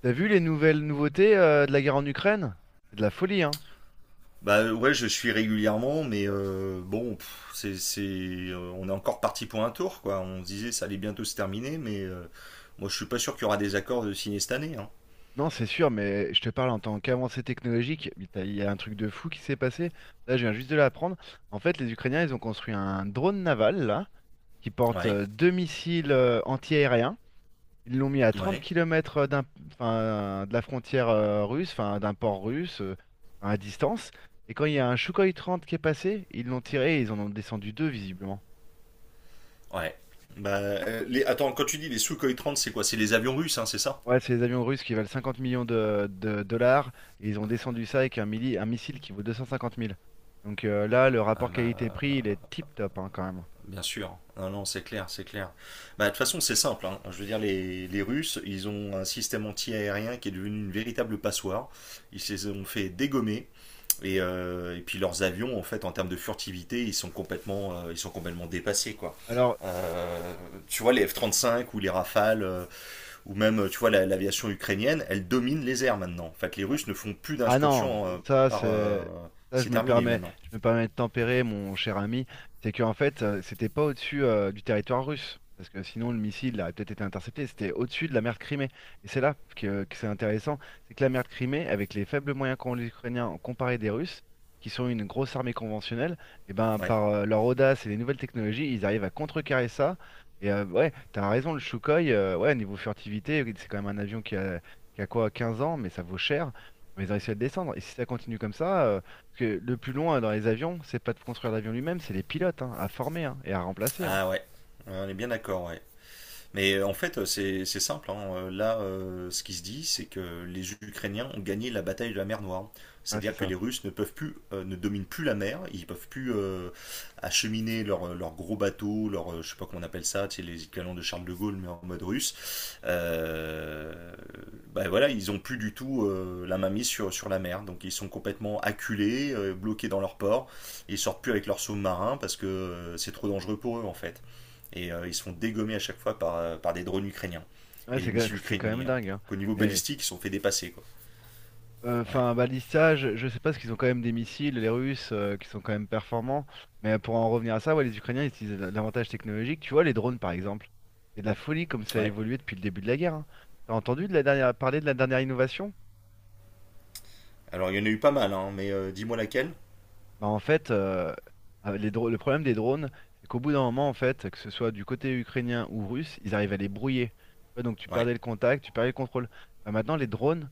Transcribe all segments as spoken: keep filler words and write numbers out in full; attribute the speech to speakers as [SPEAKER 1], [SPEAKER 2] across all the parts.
[SPEAKER 1] T'as vu les nouvelles nouveautés euh, de la guerre en Ukraine? C'est de la folie, hein?
[SPEAKER 2] Bah ouais, je suis régulièrement, mais euh, bon, pff, c'est, c'est, euh, on est encore parti pour un tour, quoi. On se disait ça allait bientôt se terminer, mais euh, moi je suis pas sûr qu'il y aura des accords de signer cette année, hein.
[SPEAKER 1] Non, c'est sûr, mais je te parle en tant qu'avancée technologique. mais t'as- Il y a un truc de fou qui s'est passé. Là, je viens juste de l'apprendre. En fait, les Ukrainiens, ils ont construit un drone naval, là, qui porte
[SPEAKER 2] Ouais,
[SPEAKER 1] euh, deux missiles euh, anti-aériens. Ils l'ont mis à trente
[SPEAKER 2] ouais,
[SPEAKER 1] kilomètres d'un, enfin, de la frontière euh, russe, enfin, d'un port russe, euh, à distance. Et quand il y a un Soukhoï trente qui est passé, ils l'ont tiré et ils en ont descendu deux, visiblement.
[SPEAKER 2] ouais. Bah, euh, les, attends, quand tu dis les Sukhoi trente, c'est quoi? C'est les avions russes, hein, c'est ça?
[SPEAKER 1] Ouais, c'est les avions russes qui valent cinquante millions de, de dollars. Et ils ont descendu ça avec un, milli- un missile qui vaut deux cent cinquante mille. Donc euh, là, le
[SPEAKER 2] Ah
[SPEAKER 1] rapport qualité-prix,
[SPEAKER 2] bah,
[SPEAKER 1] il est tip-top, hein, quand même.
[SPEAKER 2] bien sûr. Non, non, c'est clair, c'est clair. Bah, de toute façon, c'est simple, hein. Je veux dire, les, les Russes, ils ont un système anti-aérien qui est devenu une véritable passoire. Ils se les ont fait dégommer. Et, euh, et puis leurs avions, en fait, en termes de furtivité, ils sont complètement, euh, ils sont complètement dépassés, quoi.
[SPEAKER 1] Alors,
[SPEAKER 2] Euh, Tu vois, les f trente cinq ou les Rafales, euh, ou même, tu vois, la- l'aviation ukrainienne, elle domine les airs maintenant. En fait, les Russes ne font plus
[SPEAKER 1] Ah non,
[SPEAKER 2] d'incursions. euh,
[SPEAKER 1] ça,
[SPEAKER 2] par... euh,
[SPEAKER 1] c'est... Ça, je
[SPEAKER 2] C'est
[SPEAKER 1] me
[SPEAKER 2] terminé
[SPEAKER 1] permets,
[SPEAKER 2] maintenant.
[SPEAKER 1] je me permets de tempérer, mon cher ami. C'est qu'en fait, euh, c'était pas au-dessus euh, du territoire russe. Parce que sinon, le missile aurait peut-être été intercepté. C'était au-dessus de la mer de Crimée. Et c'est là que, que c'est intéressant. C'est que la mer de Crimée, avec les faibles moyens qu'ont les Ukrainiens en comparé des Russes, qui sont une grosse armée conventionnelle, et ben,
[SPEAKER 2] Ouais.
[SPEAKER 1] par euh, leur audace et les nouvelles technologies, ils arrivent à contrecarrer ça. Et euh, ouais, t'as raison, le Sukhoi, euh, ouais, niveau furtivité, oui, c'est quand même un avion qui a, qui a quoi, quinze ans, mais ça vaut cher. Mais ils ont réussi à le descendre. Et si ça continue comme ça, euh, parce que le plus long euh, dans les avions, c'est pas de construire l'avion lui-même, c'est les pilotes, hein, à former, hein, et à remplacer, hein.
[SPEAKER 2] Ah ouais. On est bien d'accord, ouais. Mais en fait, c'est c'est simple, hein. Là, euh, ce qui se dit, c'est que les Ukrainiens ont gagné la bataille de la mer Noire.
[SPEAKER 1] Ouais, c'est
[SPEAKER 2] C'est-à-dire que
[SPEAKER 1] ça.
[SPEAKER 2] les Russes ne peuvent plus, euh, ne dominent plus la mer. Ils peuvent plus euh, acheminer leurs leurs gros bateaux, leurs, euh, je sais pas comment on appelle ça, tu sais, les canons de Charles de Gaulle, mais en mode russe. Euh, ben voilà, ils ont plus du tout euh, la mainmise sur, sur la mer. Donc ils sont complètement acculés, euh, bloqués dans leur port. Ils sortent plus avec leurs sous-marins parce que euh, c'est trop dangereux pour eux en fait, et euh, ils se font dégommer à chaque fois par, euh, par des drones ukrainiens
[SPEAKER 1] Ouais,
[SPEAKER 2] et des
[SPEAKER 1] c'est quand
[SPEAKER 2] missiles
[SPEAKER 1] c'est quand même
[SPEAKER 2] ukrainiens. Donc,
[SPEAKER 1] dingue, hein.
[SPEAKER 2] au niveau
[SPEAKER 1] Mais
[SPEAKER 2] balistique, ils se sont fait dépasser, quoi.
[SPEAKER 1] euh,
[SPEAKER 2] Ouais.
[SPEAKER 1] enfin, balistage, je sais pas, parce qu'ils ont quand même des missiles, les Russes, euh, qui sont quand même performants. Mais pour en revenir à ça, ouais, les Ukrainiens ils utilisent l- l'avantage technologique. Tu vois, les drones par exemple, c'est de la folie comme ça a
[SPEAKER 2] Ouais.
[SPEAKER 1] évolué depuis le début de la guerre, hein. T'as entendu de la dernière... parler de la dernière innovation?
[SPEAKER 2] Alors, il y en a eu pas mal, hein, mais euh, dis-moi laquelle.
[SPEAKER 1] Bah, en fait, euh, euh, les dro- Le problème des drones, c'est qu'au bout d'un moment, en fait, que ce soit du côté ukrainien ou russe, ils arrivent à les brouiller. Tu vois, donc tu
[SPEAKER 2] Ouais.
[SPEAKER 1] perdais le contact, tu perdais le contrôle. Bah, maintenant, les drones,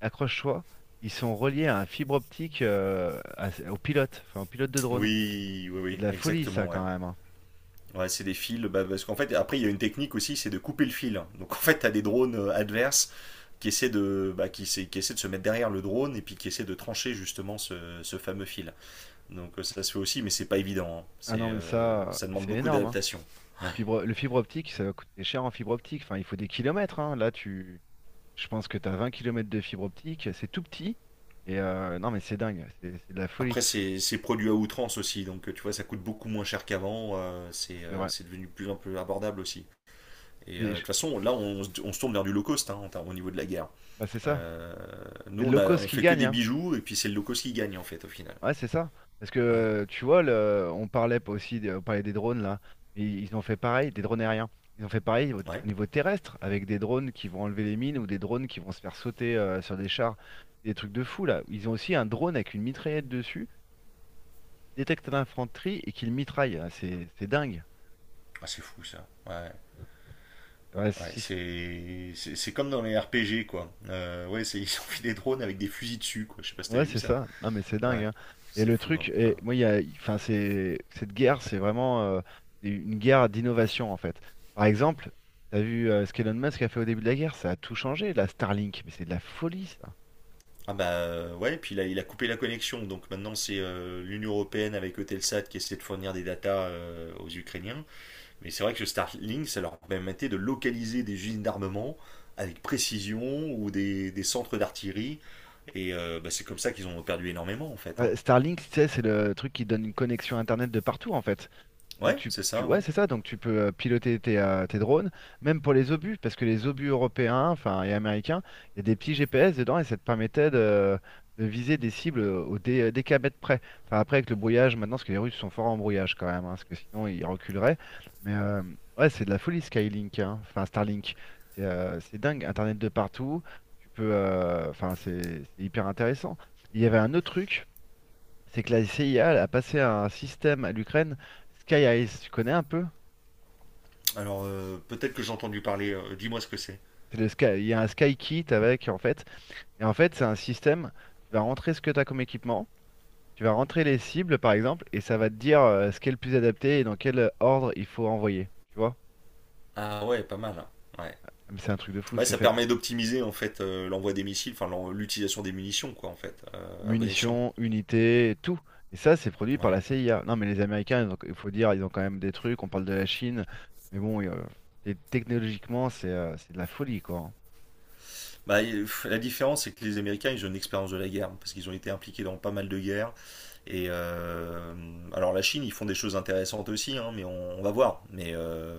[SPEAKER 1] accroche-toi, ils sont reliés à un fibre optique euh, à- au pilote, enfin au pilote de drone.
[SPEAKER 2] Oui, oui,
[SPEAKER 1] C'est
[SPEAKER 2] oui,
[SPEAKER 1] de la folie, ça,
[SPEAKER 2] exactement, ouais.
[SPEAKER 1] quand même, hein.
[SPEAKER 2] Ouais, c'est des fils, bah, parce qu'en fait, après, il y a une technique aussi, c'est de couper le fil. Donc, en fait, t'as des drones euh, adverses qui essaient, de, bah, qui, essaient- qui essaient de se mettre derrière le drone et puis qui essaient de trancher justement ce, ce fameux fil. Donc, euh, ça se fait aussi, mais c'est pas évident, hein.
[SPEAKER 1] Ah
[SPEAKER 2] C'est,
[SPEAKER 1] non, mais
[SPEAKER 2] euh,
[SPEAKER 1] ça,
[SPEAKER 2] ça
[SPEAKER 1] mais
[SPEAKER 2] demande
[SPEAKER 1] c'est
[SPEAKER 2] beaucoup
[SPEAKER 1] énorme, hein.
[SPEAKER 2] d'adaptation. Ouais.
[SPEAKER 1] Le fibre, le fibre optique, ça va coûter cher en fibre optique. Enfin, il faut des kilomètres, hein. Là, tu, je pense que tu as vingt kilomètres de fibre optique. C'est tout petit. Et euh, non, mais c'est dingue. C'est c'est de la folie.
[SPEAKER 2] Après, c'est produit à outrance aussi, donc euh, tu vois, ça coûte beaucoup moins cher qu'avant, euh, c'est
[SPEAKER 1] C'est
[SPEAKER 2] euh,
[SPEAKER 1] vrai.
[SPEAKER 2] c'est devenu plus un peu abordable aussi. Et
[SPEAKER 1] Et
[SPEAKER 2] euh, de toute
[SPEAKER 1] je-
[SPEAKER 2] façon, là, on, on se tourne vers du low cost, hein, au niveau de la guerre.
[SPEAKER 1] Bah, c'est ça,
[SPEAKER 2] Euh,
[SPEAKER 1] c'est
[SPEAKER 2] nous,
[SPEAKER 1] le
[SPEAKER 2] on
[SPEAKER 1] low
[SPEAKER 2] a,
[SPEAKER 1] cost
[SPEAKER 2] on
[SPEAKER 1] qui
[SPEAKER 2] fait que
[SPEAKER 1] gagne,
[SPEAKER 2] des
[SPEAKER 1] hein.
[SPEAKER 2] bijoux, et puis c'est le low cost qui gagne, en fait, au final.
[SPEAKER 1] Ouais, c'est ça. Parce que
[SPEAKER 2] Ouais.
[SPEAKER 1] euh, tu vois, le- euh, on parlait pas aussi, des- on parlait des drones là, ils ils ont fait pareil, des drones aériens. Ils ont fait pareil au,
[SPEAKER 2] Ouais.
[SPEAKER 1] au niveau terrestre, avec des drones qui vont enlever les mines ou des drones qui vont se faire sauter euh, sur des chars. C'est des trucs de fou là. Ils ont aussi un drone avec une mitraillette dessus, détecte l'infanterie et qui le mitraille. Ah, C'est c'est dingue.
[SPEAKER 2] Ah, c'est fou, ça. Ouais.
[SPEAKER 1] Ouais,
[SPEAKER 2] Ouais,
[SPEAKER 1] si
[SPEAKER 2] c'est c'est- c'est comme dans les R P G, quoi. Euh, ouais, c'est- ils ont fait des drones avec des fusils dessus, quoi. Je sais pas si t'avais
[SPEAKER 1] Ouais,
[SPEAKER 2] vu
[SPEAKER 1] c'est
[SPEAKER 2] ça.
[SPEAKER 1] ça. Non, mais c'est dingue,
[SPEAKER 2] Ouais.
[SPEAKER 1] hein. Et
[SPEAKER 2] C'est
[SPEAKER 1] le
[SPEAKER 2] fou, hein.
[SPEAKER 1] truc,
[SPEAKER 2] Ouais.
[SPEAKER 1] et moi, il y a, enfin, C'est cette guerre, c'est vraiment euh, une guerre d'innovation en fait. Par exemple, t'as vu euh, ce qu'Elon Musk a fait au début de la guerre, ça a tout changé. La Starlink, mais c'est de la folie ça.
[SPEAKER 2] Ah bah euh, ouais, puis il a, il a coupé la connexion, donc maintenant c'est euh, l'Union Européenne avec Eutelsat qui essaie de fournir des datas euh, aux Ukrainiens. Mais c'est vrai que ce Starlink, ça leur permettait de localiser des usines d'armement avec précision ou des, des centres d'artillerie. Et euh, bah, c'est comme ça qu'ils ont perdu énormément en fait, hein.
[SPEAKER 1] Euh, Starlink, tu sais, c'est le truc qui donne une connexion Internet de partout en fait. Donc
[SPEAKER 2] Ouais,
[SPEAKER 1] tu,
[SPEAKER 2] c'est
[SPEAKER 1] tu-
[SPEAKER 2] ça,
[SPEAKER 1] ouais,
[SPEAKER 2] ouais.
[SPEAKER 1] c'est ça, donc tu peux euh, piloter tes, euh, tes drones, même pour les obus, parce que les obus européens, enfin, et américains, il y a des petits G P S dedans et ça te permettait de, de viser des cibles au dé, des kilomètres près. Enfin, après avec le brouillage maintenant, parce que les Russes sont forts en brouillage quand même, hein, parce que sinon ils reculeraient. Mais euh, ouais, c'est de la folie Skylink, hein. Enfin Starlink. C'est euh, c'est dingue, Internet de partout. Tu peux, euh, enfin, c'est c'est hyper intéressant. Il y avait un autre truc, c'est que la C I A elle a passé un système à l'Ukraine, Sky Ice, tu connais un peu?
[SPEAKER 2] Alors euh, peut-être que j'ai entendu parler, euh, dis-moi ce que c'est.
[SPEAKER 1] C'est le Sky- il y a un Sky Kit avec, en fait. Et en fait, c'est un système, tu vas rentrer ce que tu as comme équipement, tu vas rentrer les cibles, par exemple, et ça va te dire euh, ce qui est le plus adapté et dans quel euh, ordre il faut envoyer. Tu vois?
[SPEAKER 2] Ah ouais, pas mal, hein. Ouais.
[SPEAKER 1] Ah, mais c'est un truc de fou,
[SPEAKER 2] Ouais,
[SPEAKER 1] c'est
[SPEAKER 2] ça
[SPEAKER 1] fait.
[SPEAKER 2] permet d'optimiser en fait euh, l'envoi des missiles, enfin l'en- l'utilisation des munitions quoi en fait, euh, à bon escient.
[SPEAKER 1] Munitions, unités, tout. Et ça, c'est produit par
[SPEAKER 2] Ouais.
[SPEAKER 1] la C I A. Non, mais les Américains, ils ont- il faut dire, ils ont quand même des trucs, on parle de la Chine, mais bon, euh, et technologiquement, c'est euh, c'est de la folie, quoi, hein.
[SPEAKER 2] Bah, euh, la différence, c'est que les Américains, ils ont une expérience de la guerre, parce qu'ils ont été impliqués dans pas mal de guerres. Et euh, alors la Chine, ils font des choses intéressantes aussi, hein, mais on, on va voir. Mais, euh,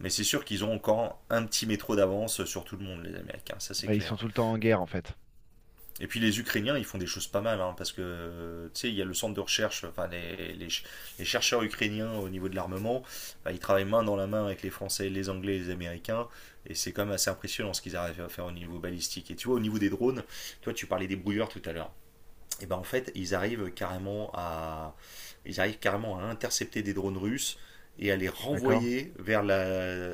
[SPEAKER 2] mais c'est sûr qu'ils ont encore un petit métro d'avance sur tout le monde, les Américains, ça c'est
[SPEAKER 1] Bah, ils sont
[SPEAKER 2] clair.
[SPEAKER 1] tout le temps en guerre, en fait.
[SPEAKER 2] Et puis les Ukrainiens, ils font des choses pas mal, hein, parce que euh, tu sais, il y a le centre de recherche, enfin les, les, les chercheurs ukrainiens au niveau de l'armement, bah, ils travaillent main dans la main avec les Français, les Anglais, les Américains, et c'est quand même assez impressionnant ce qu'ils arrivent à faire au niveau balistique. Et tu vois, au niveau des drones, tu vois, tu parlais des brouilleurs tout à l'heure. Et ben en fait, ils arrivent carrément à, ils arrivent carrément à intercepter des drones russes et à les
[SPEAKER 1] D'accord?
[SPEAKER 2] renvoyer vers la,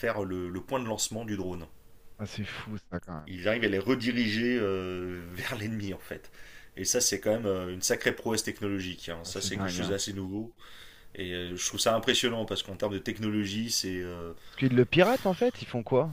[SPEAKER 2] vers le, le point de lancement du drone.
[SPEAKER 1] Ah, c'est fou ça quand même.
[SPEAKER 2] Il arrive à les rediriger euh, vers l'ennemi en fait. Et ça, c'est quand même euh, une sacrée prouesse technologique, hein.
[SPEAKER 1] Ah,
[SPEAKER 2] Ça,
[SPEAKER 1] c'est
[SPEAKER 2] c'est quelque
[SPEAKER 1] dingue,
[SPEAKER 2] chose
[SPEAKER 1] hein.
[SPEAKER 2] d'assez nouveau. Et euh, je trouve ça impressionnant parce qu'en termes de technologie. C'est euh,
[SPEAKER 1] Parce qu'ils le piratent en fait, ils font quoi?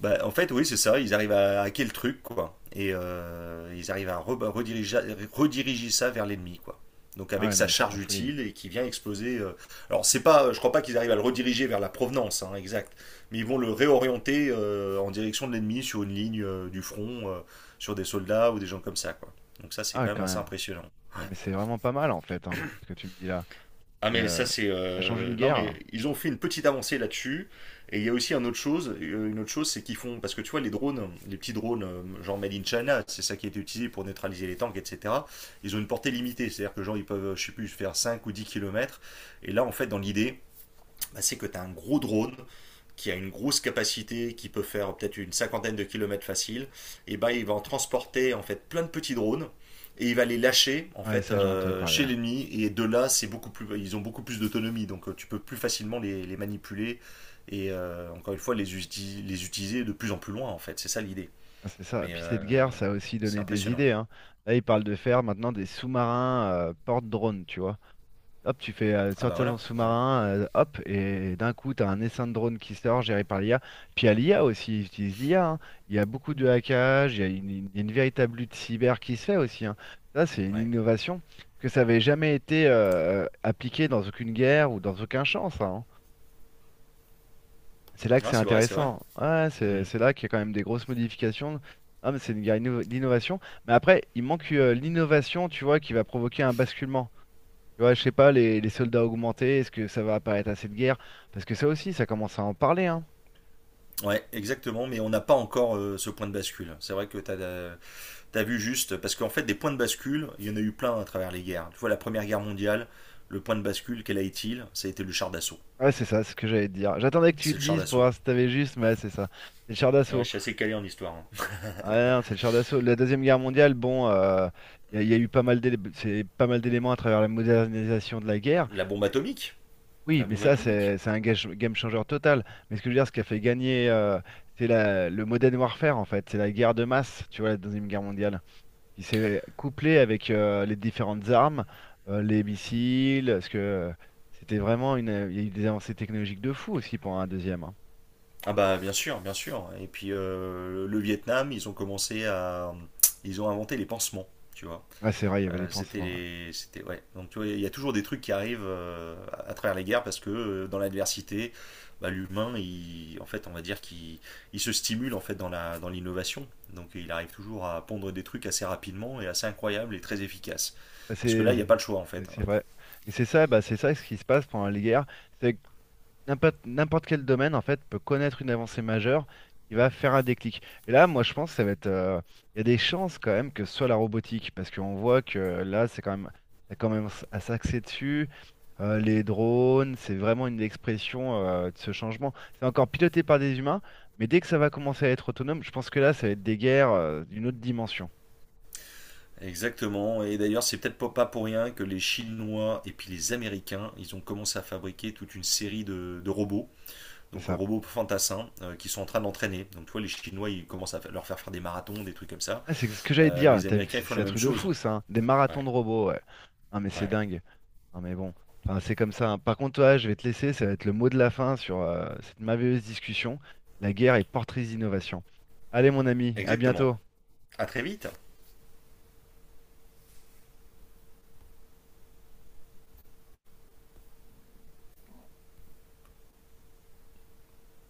[SPEAKER 2] Bah, en fait, oui, c'est ça. Ils arrivent à hacker le truc, quoi. Et euh, ils arrivent à re- rediriger, rediriger ça vers l'ennemi, quoi. Donc
[SPEAKER 1] Ah
[SPEAKER 2] avec
[SPEAKER 1] ouais, non
[SPEAKER 2] sa
[SPEAKER 1] mais c'est de
[SPEAKER 2] charge
[SPEAKER 1] la folie.
[SPEAKER 2] utile et qui vient exploser. euh, Alors c'est pas, je crois pas qu'ils arrivent à le rediriger vers la provenance, hein, exact. Mais ils vont le réorienter euh, en direction de l'ennemi sur une ligne euh, du front, euh, sur des soldats ou des gens comme ça, quoi. Donc ça c'est
[SPEAKER 1] Ah ouais,
[SPEAKER 2] quand même
[SPEAKER 1] quand
[SPEAKER 2] assez
[SPEAKER 1] même.
[SPEAKER 2] impressionnant.
[SPEAKER 1] Ah mais c'est vraiment pas mal en fait, hein, ce que tu me dis là.
[SPEAKER 2] Ah
[SPEAKER 1] C'est,
[SPEAKER 2] mais ça
[SPEAKER 1] euh,
[SPEAKER 2] c'est
[SPEAKER 1] Ça change une
[SPEAKER 2] euh, non
[SPEAKER 1] guerre là.
[SPEAKER 2] mais ils ont fait une petite avancée là-dessus. Et il y a aussi une autre chose euh, une autre chose c'est qu'ils font, parce que tu vois les drones les petits drones, euh, genre made in China, c'est ça qui a été utilisé pour neutraliser les tanks, etc. Ils ont une portée limitée, c'est-à-dire que genre ils peuvent je sais plus faire cinq ou dix kilomètres. Et là en fait, dans l'idée, bah, c'est que tu as un gros drone qui a une grosse capacité, qui peut faire peut-être une cinquantaine de kilomètres facile, et bah il va en transporter en fait plein de petits drones, et il va les lâcher en
[SPEAKER 1] Ah ouais,
[SPEAKER 2] fait
[SPEAKER 1] ça j'en ai entendu
[SPEAKER 2] euh,
[SPEAKER 1] parler,
[SPEAKER 2] chez
[SPEAKER 1] hein.
[SPEAKER 2] l'ennemi. Et de là, c'est beaucoup plus ils ont beaucoup plus d'autonomie, donc euh, tu peux plus facilement les, les manipuler, et euh, encore une fois les, uti- les utiliser de plus en plus loin en fait, c'est ça
[SPEAKER 1] Mhm.
[SPEAKER 2] l'idée.
[SPEAKER 1] Ah, c'est ça.
[SPEAKER 2] Mais
[SPEAKER 1] Puis cette
[SPEAKER 2] euh,
[SPEAKER 1] guerre, ça a aussi
[SPEAKER 2] c'est
[SPEAKER 1] donné des
[SPEAKER 2] impressionnant.
[SPEAKER 1] idées, hein. Là, ils parlent de faire maintenant des sous-marins euh, porte-drones, tu vois. Hop, tu fais euh,
[SPEAKER 2] Ah bah
[SPEAKER 1] sortir ton
[SPEAKER 2] voilà, ouais,
[SPEAKER 1] sous-marin, euh, hop, et d'un coup, tu as un essaim de drone qui sort, géré par l'I A. Puis à l'I A aussi, ils utilisent l'I A, hein. Il y a beaucoup de hackage, il y a une, une- une véritable lutte cyber qui se fait aussi, hein. Ça, c'est une
[SPEAKER 2] ouais.
[SPEAKER 1] innovation que ça n'avait jamais été euh, appliqué dans aucune guerre ou dans aucun champ, ça, hein. C'est là que
[SPEAKER 2] Ah,
[SPEAKER 1] c'est
[SPEAKER 2] c'est vrai, c'est vrai.
[SPEAKER 1] intéressant. Ouais, c'est
[SPEAKER 2] Hmm.
[SPEAKER 1] c'est là qu'il y a quand même des grosses modifications. Ah, mais c'est une guerre d'inno- d'innovation. Mais après, il manque euh, l'innovation, tu vois, qui va provoquer un basculement. Tu vois, je sais pas, les, les soldats augmentés, est-ce que ça va apparaître assez de guerre? Parce que ça aussi, ça commence à en parler, hein.
[SPEAKER 2] Ouais, exactement, mais on n'a pas encore euh, ce point de bascule, c'est vrai que t'as euh, T'as vu juste, parce qu'en fait, des points de bascule, il y en a eu plein à travers les guerres. Tu vois, la Première Guerre mondiale, le point de bascule, quel a été-il? Ça a été le char d'assaut.
[SPEAKER 1] Ouais, c'est ça, c'est ce que j'allais te dire. J'attendais que tu
[SPEAKER 2] C'est
[SPEAKER 1] le
[SPEAKER 2] le char
[SPEAKER 1] dises pour
[SPEAKER 2] d'assaut.
[SPEAKER 1] voir si t'avais juste, mais ouais, c'est ça. C'est le char
[SPEAKER 2] Ouais,
[SPEAKER 1] d'assaut.
[SPEAKER 2] je suis assez calé en histoire, hein.
[SPEAKER 1] Ouais, non, c'est le char d'assaut. La Deuxième Guerre mondiale, bon, euh, il y, a y a eu pas mal d'élé- c'est pas mal d'éléments à travers la modernisation de la guerre.
[SPEAKER 2] La bombe
[SPEAKER 1] Mais,
[SPEAKER 2] atomique.
[SPEAKER 1] oui,
[SPEAKER 2] La
[SPEAKER 1] mais
[SPEAKER 2] bombe
[SPEAKER 1] ça,
[SPEAKER 2] atomique.
[SPEAKER 1] c'est c'est un gage- game changer total. Mais ce que je veux dire, ce qui a fait gagner, euh, c'est la- le modern warfare, en fait. C'est la guerre de masse, tu vois, la Deuxième Guerre mondiale. Puis c'est couplé avec euh, les différentes armes, euh, les missiles, parce que euh, c'était vraiment une. euh, Il y a eu des avancées technologiques de fou aussi pour un deuxième, hein.
[SPEAKER 2] Ah bah, bien sûr, bien sûr. Et puis, euh, le Vietnam, ils ont commencé à... Ils ont inventé les pansements, tu vois.
[SPEAKER 1] Ouais, c'est vrai, il y avait
[SPEAKER 2] Euh,
[SPEAKER 1] des
[SPEAKER 2] c'était
[SPEAKER 1] pansements, ouais.
[SPEAKER 2] les, c'était ouais. Donc tu vois, il y a toujours des trucs qui arrivent euh, à à travers les guerres parce que euh, dans l'adversité, bah, l'humain, il, en fait, on va dire qu'il, il se stimule en fait dans la, dans l'innovation. Donc il arrive toujours à pondre des trucs assez rapidement et assez incroyables et très efficaces.
[SPEAKER 1] Bah,
[SPEAKER 2] Parce que là,
[SPEAKER 1] C'est
[SPEAKER 2] il n'y a pas le choix en fait,
[SPEAKER 1] c'est
[SPEAKER 2] hein.
[SPEAKER 1] vrai. Et c'est ça, bah, c'est ça ce qui se passe pendant les guerres. C'est N'importe n'importe quel domaine, en fait, peut connaître une avancée majeure qui va faire un déclic. Et là, moi, je pense que ça va être. euh, Il y a des chances quand même que ce soit la robotique, parce qu'on voit que là, c'est quand même, ça commence à s'axer dessus. Euh, les drones, c'est vraiment une expression euh, de ce changement. C'est encore piloté par des humains, mais dès que ça va commencer à être autonome, je pense que là, ça va être des guerres euh, d'une autre dimension.
[SPEAKER 2] Exactement. Et d'ailleurs, c'est peut-être pas pas pour rien que les Chinois et puis les Américains, ils ont commencé à fabriquer toute une série de, de robots,
[SPEAKER 1] C'est
[SPEAKER 2] donc
[SPEAKER 1] ça.
[SPEAKER 2] robots fantassins euh, qui sont en train d'entraîner. Donc tu vois, les Chinois, ils commencent à leur faire faire des marathons, des trucs comme ça.
[SPEAKER 1] Ouais, c'est ce que j'allais te
[SPEAKER 2] Euh,
[SPEAKER 1] dire.
[SPEAKER 2] les
[SPEAKER 1] T'as vu,
[SPEAKER 2] Américains, ils
[SPEAKER 1] C'est
[SPEAKER 2] font
[SPEAKER 1] c'est
[SPEAKER 2] la
[SPEAKER 1] un
[SPEAKER 2] même
[SPEAKER 1] truc de
[SPEAKER 2] chose.
[SPEAKER 1] fou, ça, hein. Des marathons
[SPEAKER 2] Ouais,
[SPEAKER 1] de robots, ouais. Ah, mais c'est
[SPEAKER 2] ouais,
[SPEAKER 1] dingue. Ah, mais bon. Enfin, c'est comme ça, hein. Par contre, toi, je vais te laisser. Ça va être le mot de la fin sur euh, cette merveilleuse discussion. La guerre est portrice d'innovation. Allez, mon ami, à
[SPEAKER 2] exactement.
[SPEAKER 1] bientôt.
[SPEAKER 2] À très vite.